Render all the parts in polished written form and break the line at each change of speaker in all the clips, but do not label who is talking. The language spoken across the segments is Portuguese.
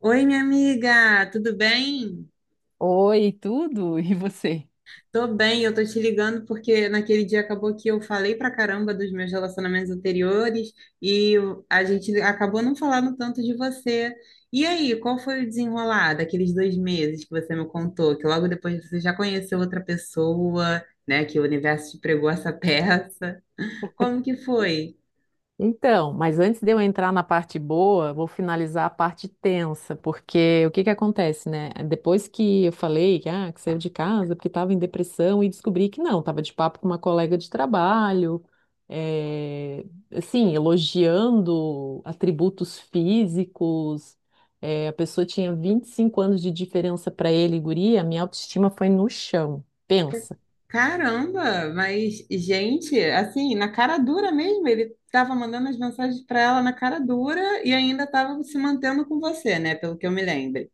Oi, minha amiga, tudo bem?
Oi, tudo? E você?
Tô bem, eu tô te ligando porque naquele dia acabou que eu falei pra caramba dos meus relacionamentos anteriores e a gente acabou não falando tanto de você. E aí, qual foi o desenrolar daqueles dois meses que você me contou? Que logo depois você já conheceu outra pessoa, né? Que o universo te pregou essa peça. Como que foi?
Então, mas antes de eu entrar na parte boa, vou finalizar a parte tensa, porque o que que acontece, né? Depois que eu falei que, ah, que saiu de casa porque estava em depressão e descobri que não, estava de papo com uma colega de trabalho, eh, assim, elogiando atributos físicos, a pessoa tinha 25 anos de diferença para ele, e guria, minha autoestima foi no chão. Pensa.
Caramba, mas gente, assim, na cara dura mesmo, ele estava mandando as mensagens para ela na cara dura e ainda estava se mantendo com você, né? Pelo que eu me lembro.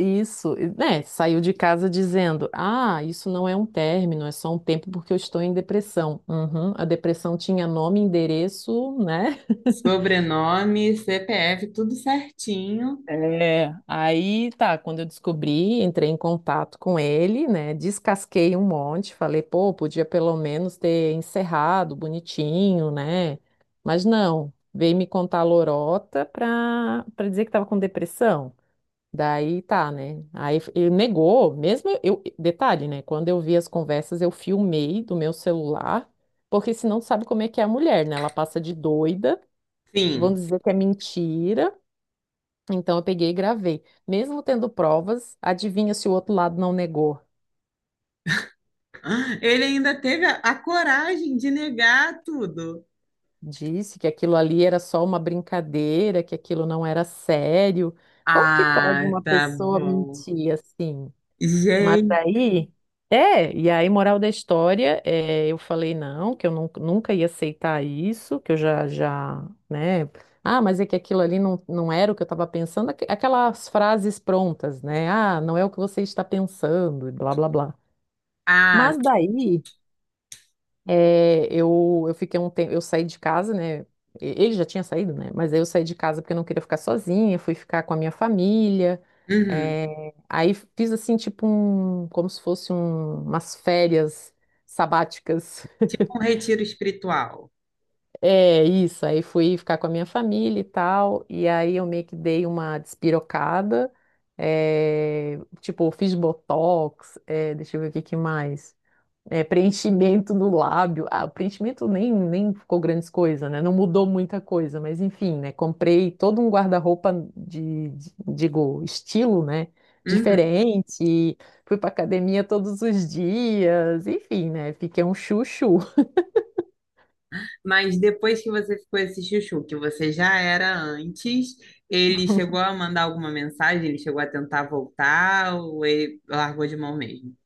Isso, e, né? Saiu de casa dizendo: Ah, isso não é um término, é só um tempo porque eu estou em depressão. Uhum, a depressão tinha nome, endereço, né?
Sobrenome, CPF, tudo certinho.
É, aí tá, quando eu descobri, entrei em contato com ele, né? Descasquei um monte, falei, pô, podia pelo menos ter encerrado bonitinho, né? Mas não, veio me contar a lorota pra dizer que estava com depressão. Daí tá, né? Aí ele negou, mesmo eu, detalhe, né? Quando eu vi as conversas, eu filmei do meu celular, porque senão tu sabe como é que é a mulher, né? Ela passa de doida, vão
Sim.
dizer que é mentira. Então eu peguei e gravei. Mesmo tendo provas, adivinha se o outro lado não negou?
Ele ainda teve a coragem de negar tudo.
Disse que aquilo ali era só uma brincadeira, que aquilo não era sério. Como que pode
Ah,
uma
tá
pessoa
bom.
mentir assim? Mas
Gente,
aí, é, e aí, moral da história, é, eu falei não, que eu nunca, nunca ia aceitar isso, que eu já, já, né? Ah, mas é que aquilo ali não, não era o que eu estava pensando, aquelas frases prontas, né? Ah, não é o que você está pensando, e blá, blá, blá.
ah,
Mas daí, é, eu fiquei um tempo, eu saí de casa, né? E- Ele já tinha saído, né? Mas aí eu saí de casa porque eu não queria ficar sozinha, fui ficar com a minha família.
uhum.
É, aí fiz assim, tipo um, como se umas férias sabáticas.
Tipo um retiro espiritual.
É, isso, aí fui ficar com a minha família e tal, e aí eu meio que dei uma despirocada, é, tipo, fiz botox, é, deixa eu ver o que que mais é, preenchimento no lábio. Ah, o preenchimento nem, nem ficou grandes coisas, né? Não mudou muita coisa, mas enfim, né? Comprei todo um guarda-roupa digo, estilo, né?
Uhum.
Diferente, fui pra academia todos os dias, enfim, né? Fiquei um chuchu.
Mas depois que você ficou esse chuchu, que você já era antes, ele chegou a mandar alguma mensagem? Ele chegou a tentar voltar ou ele largou de mão mesmo?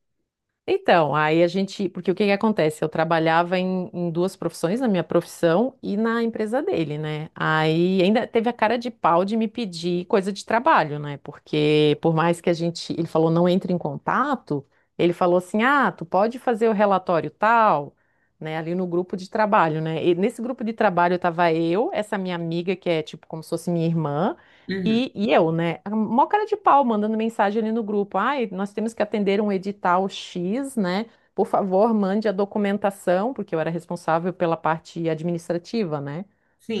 Então, aí a gente, porque o que que acontece? Eu trabalhava em duas profissões, na minha profissão e na empresa dele, né? Aí ainda teve a cara de pau de me pedir coisa de trabalho, né? Porque por mais que a gente, ele falou não entre em contato, ele falou assim: "Ah, tu pode fazer o relatório tal", né, ali no grupo de trabalho, né? E nesse grupo de trabalho tava eu, essa minha amiga que é tipo como se fosse minha irmã,
Uhum,
e, eu, né? A Mó cara de pau mandando mensagem ali no grupo. Ai, nós temos que atender um edital X, né? Por favor, mande a documentação, porque eu era responsável pela parte administrativa, né?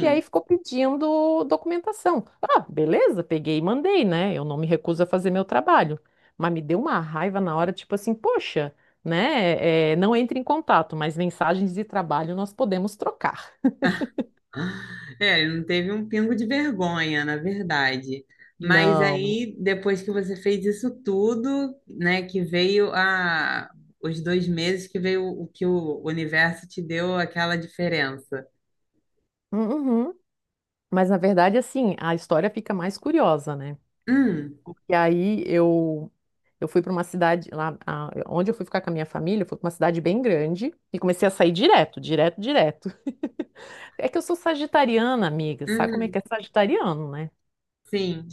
E aí ficou pedindo documentação. Ah, beleza, peguei e mandei, né? Eu não me recuso a fazer meu trabalho. Mas me deu uma raiva na hora, tipo assim, poxa, né? É, não entre em contato, mas mensagens de trabalho nós podemos trocar.
É, ele não teve um pingo de vergonha, na verdade. Mas
Não.
aí, depois que você fez isso tudo, né, que veio a os dois meses que veio o que o universo te deu aquela diferença.
Uhum. Mas na verdade, assim, a história fica mais curiosa, né?
Hum,
Porque aí eu fui para uma cidade lá, onde eu fui ficar com a minha família, foi para uma cidade bem grande e comecei a sair direto, direto, direto. É que eu sou sagitariana, amiga, sabe como é
uhum,
que é sagitariano, né?
sim.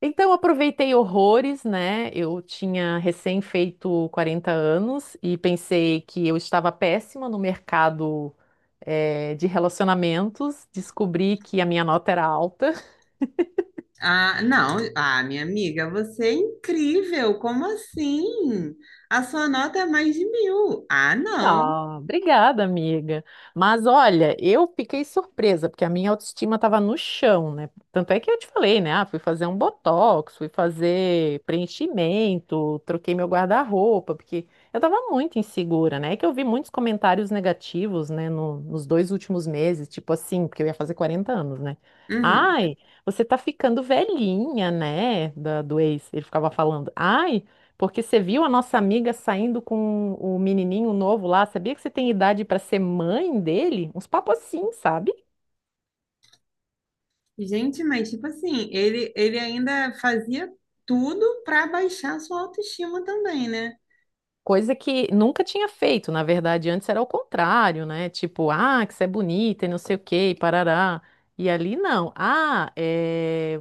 Então eu aproveitei horrores, né? Eu tinha recém feito 40 anos e pensei que eu estava péssima no mercado de relacionamentos, descobri que a minha nota era alta.
Ah, não. Ah, minha amiga, você é incrível. Como assim? A sua nota é mais de mil. Ah, não.
Ah, obrigada, amiga. Mas olha, eu fiquei surpresa, porque a minha autoestima estava no chão, né? Tanto é que eu te falei, né? Ah, fui fazer um botox, fui fazer preenchimento, troquei meu guarda-roupa, porque eu estava muito insegura, né? É que eu vi muitos comentários negativos, né, nos dois últimos meses, tipo assim, porque eu ia fazer 40 anos, né?
Uhum.
Ai, você tá ficando velhinha, né? Da, do ex, ele ficava falando. Ai, porque você viu a nossa amiga saindo com o menininho novo lá? Sabia que você tem idade para ser mãe dele? Uns papos assim, sabe?
Gente, mas tipo assim, ele ainda fazia tudo para baixar a sua autoestima também, né?
Coisa que nunca tinha feito, na verdade, antes era o contrário, né? Tipo, ah, que você é bonita e não sei o quê, e parará. E ali não. Ah, é,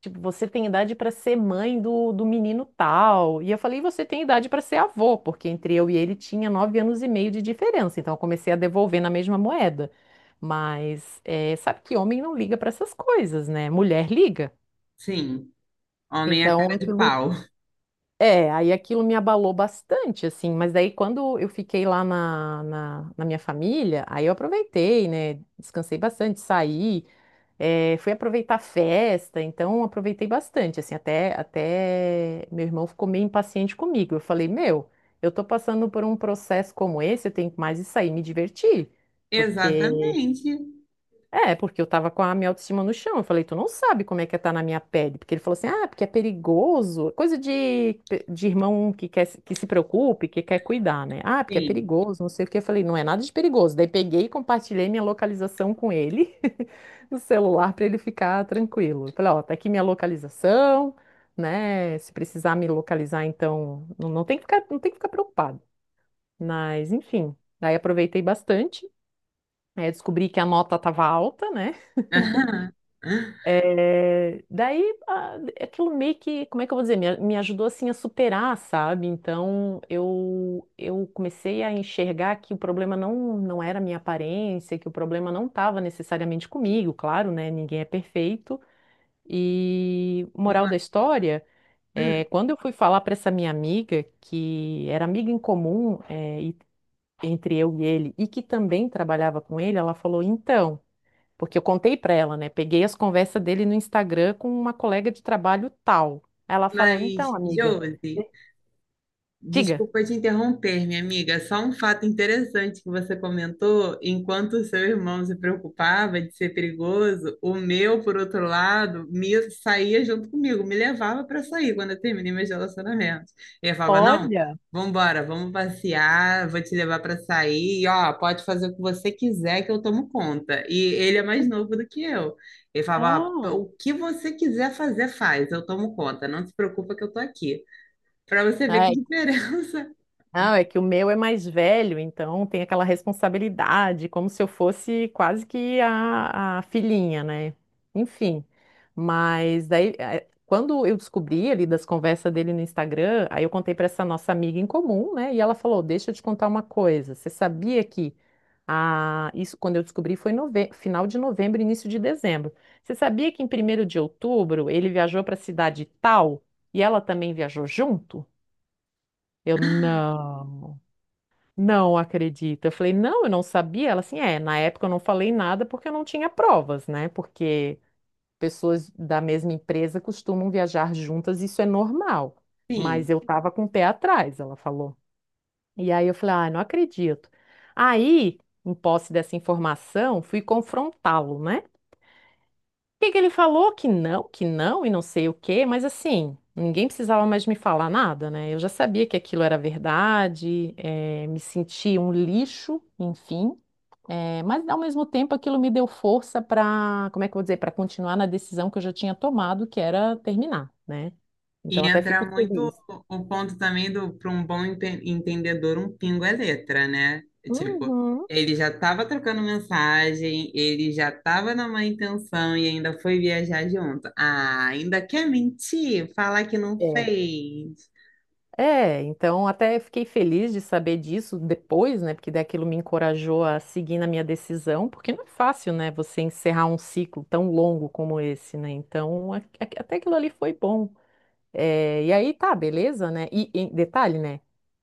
tipo, você tem idade para ser mãe do menino tal. E eu falei, você tem idade para ser avô, porque entre eu e ele tinha 9 anos e meio de diferença. Então eu comecei a devolver na mesma moeda. Mas é, sabe que homem não liga para essas coisas, né? Mulher liga.
Sim. Homem é
Então
cara de
aquilo.
pau.
É, aí aquilo me abalou bastante, assim. Mas daí quando eu fiquei lá na minha família, aí eu aproveitei, né? Descansei bastante, saí. É, fui aproveitar a festa, então aproveitei bastante, assim, até meu irmão ficou meio impaciente comigo. Eu falei, meu, eu tô passando por um processo como esse, eu tenho mais isso aí, me divertir, porque
Exatamente.
é, porque eu tava com a minha autoestima no chão. Eu falei, tu não sabe como é que é tá na minha pele. Porque ele falou assim, ah, porque é perigoso. Coisa de irmão que quer, que se preocupe, que quer cuidar, né? Ah, porque é
Sim.
perigoso, não sei o quê. Eu falei, não é nada de perigoso. Daí peguei e compartilhei minha localização com ele no celular para ele ficar tranquilo. Eu falei, ó, tá aqui minha localização, né? Se precisar me localizar, então, não, não tem que ficar, não tem que ficar preocupado. Mas, enfim, daí aproveitei bastante. Aí eu descobri que a nota estava alta, né?
Aham.
É, daí, ah, aquilo meio que, como é que eu vou dizer, me ajudou assim a superar, sabe? Então, eu comecei a enxergar que o problema não, não era a minha aparência, que o problema não estava necessariamente comigo, claro, né? Ninguém é perfeito. E, moral
Uma...
da história, é,
hum.
quando eu fui falar para essa minha amiga, que era amiga em comum, é, e- entre eu e ele, e que também trabalhava com ele, ela falou, então. Porque eu contei pra ela, né? Peguei as conversas dele no Instagram com uma colega de trabalho tal. Ela falou:
Mas,
Então, amiga,
Josi,
diga.
desculpa te interromper, minha amiga. Só um fato interessante que você comentou: enquanto o seu irmão se preocupava de ser perigoso, o meu, por outro lado, me saía junto comigo, me levava para sair quando eu terminei meus relacionamentos. Ele falava: Não,
Olha,
vambora, vamos passear, vou te levar para sair, e, ó, pode fazer o que você quiser que eu tomo conta. E ele é mais novo do que eu. Ele falava: "Ó,
oh,
o que você quiser fazer, faz, eu tomo conta, não se preocupa que eu tô aqui." Para você ver que diferença.
não, é que o meu é mais velho, então tem aquela responsabilidade, como se eu fosse quase que a filhinha, né? Enfim, mas daí, eh, quando eu descobri ali das conversas dele no Instagram, aí eu contei para essa nossa amiga em comum, né? E ela falou: Deixa eu te contar uma coisa, você sabia que. Ah, isso quando eu descobri foi nove... final de novembro, início de dezembro. Você sabia que em 1º de outubro ele viajou para a cidade tal e ela também viajou junto? Eu não. Não acredito. Eu falei, não, eu não sabia. Ela assim, é, na época eu não falei nada porque eu não tinha provas, né? Porque pessoas da mesma empresa costumam viajar juntas, isso é normal. Mas
Sim.
eu tava com o pé atrás, ela falou. E aí eu falei, ah, não acredito. Aí, em posse dessa informação, fui confrontá-lo, né? Que ele falou? Que não, e não sei o quê, mas assim, ninguém precisava mais me falar nada, né? Eu já sabia que aquilo era verdade, eh, me senti um lixo, enfim, eh, mas ao mesmo tempo aquilo me deu força para, como é que eu vou dizer, para continuar na decisão que eu já tinha tomado, que era terminar, né? Então
E
até
entra
fico
muito
feliz.
o ponto também do para um bom entendedor, um pingo é letra, né? Tipo,
Uhum.
ele já estava trocando mensagem, ele já estava na má intenção e ainda foi viajar junto. Ah, ainda quer mentir? Falar que não
É.
fez.
É, então até fiquei feliz de saber disso depois, né? Porque daquilo me encorajou a seguir na minha decisão, porque não é fácil, né? Você encerrar um ciclo tão longo como esse, né? Então, até aquilo ali foi bom. É, e aí tá, beleza, né? E detalhe, né?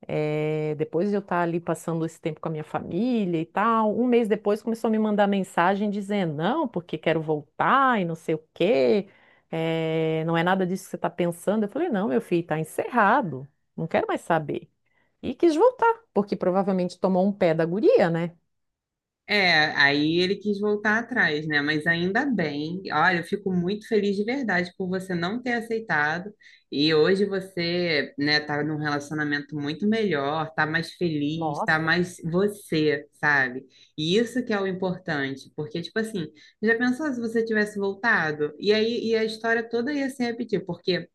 É, depois de eu estar ali passando esse tempo com a minha família e tal, um mês depois começou a me mandar mensagem dizendo, não, porque quero voltar e não sei o quê, é, não é nada disso que você está pensando. Eu falei, não, meu filho, tá encerrado, não quero mais saber. E quis voltar, porque provavelmente tomou um pé da guria, né?
É, aí ele quis voltar atrás, né? Mas ainda bem. Olha, eu fico muito feliz de verdade por você não ter aceitado. E hoje você, né, tá num relacionamento muito melhor, tá mais feliz, tá
Nossa,
mais você, sabe? E isso que é o importante, porque tipo assim, já pensou se você tivesse voltado? E aí e a história toda ia se repetir, porque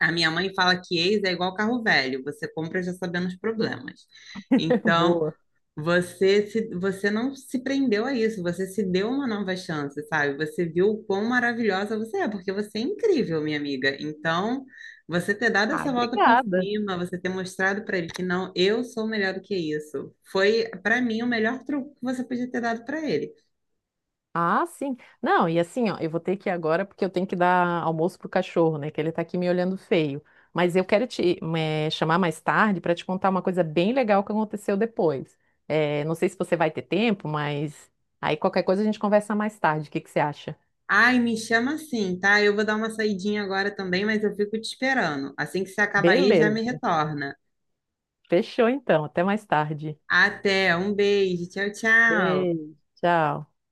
a minha mãe fala que ex é igual carro velho, você compra já sabendo os problemas. Então,
boa.
você não se prendeu a isso, você se deu uma nova chance, sabe? Você viu o quão maravilhosa você é, porque você é incrível, minha amiga. Então, você ter dado
Ah,
essa volta por
obrigada.
cima, você ter mostrado para ele que não, eu sou melhor do que isso, foi para mim o melhor truque que você podia ter dado para ele.
Ah, sim. Não, e assim, ó, eu vou ter que ir agora porque eu tenho que dar almoço pro cachorro, né? Que ele tá aqui me olhando feio. Mas eu quero te chamar mais tarde para te contar uma coisa bem legal que aconteceu depois. Eh, não sei se você vai ter tempo, mas aí qualquer coisa a gente conversa mais tarde. O que que você acha?
Ai, me chama assim, tá? Eu vou dar uma saidinha agora também, mas eu fico te esperando. Assim que você acabar aí, já me
Beleza.
retorna.
Fechou então. Até mais tarde.
Até, um beijo, tchau, tchau.
Beijo. Tchau.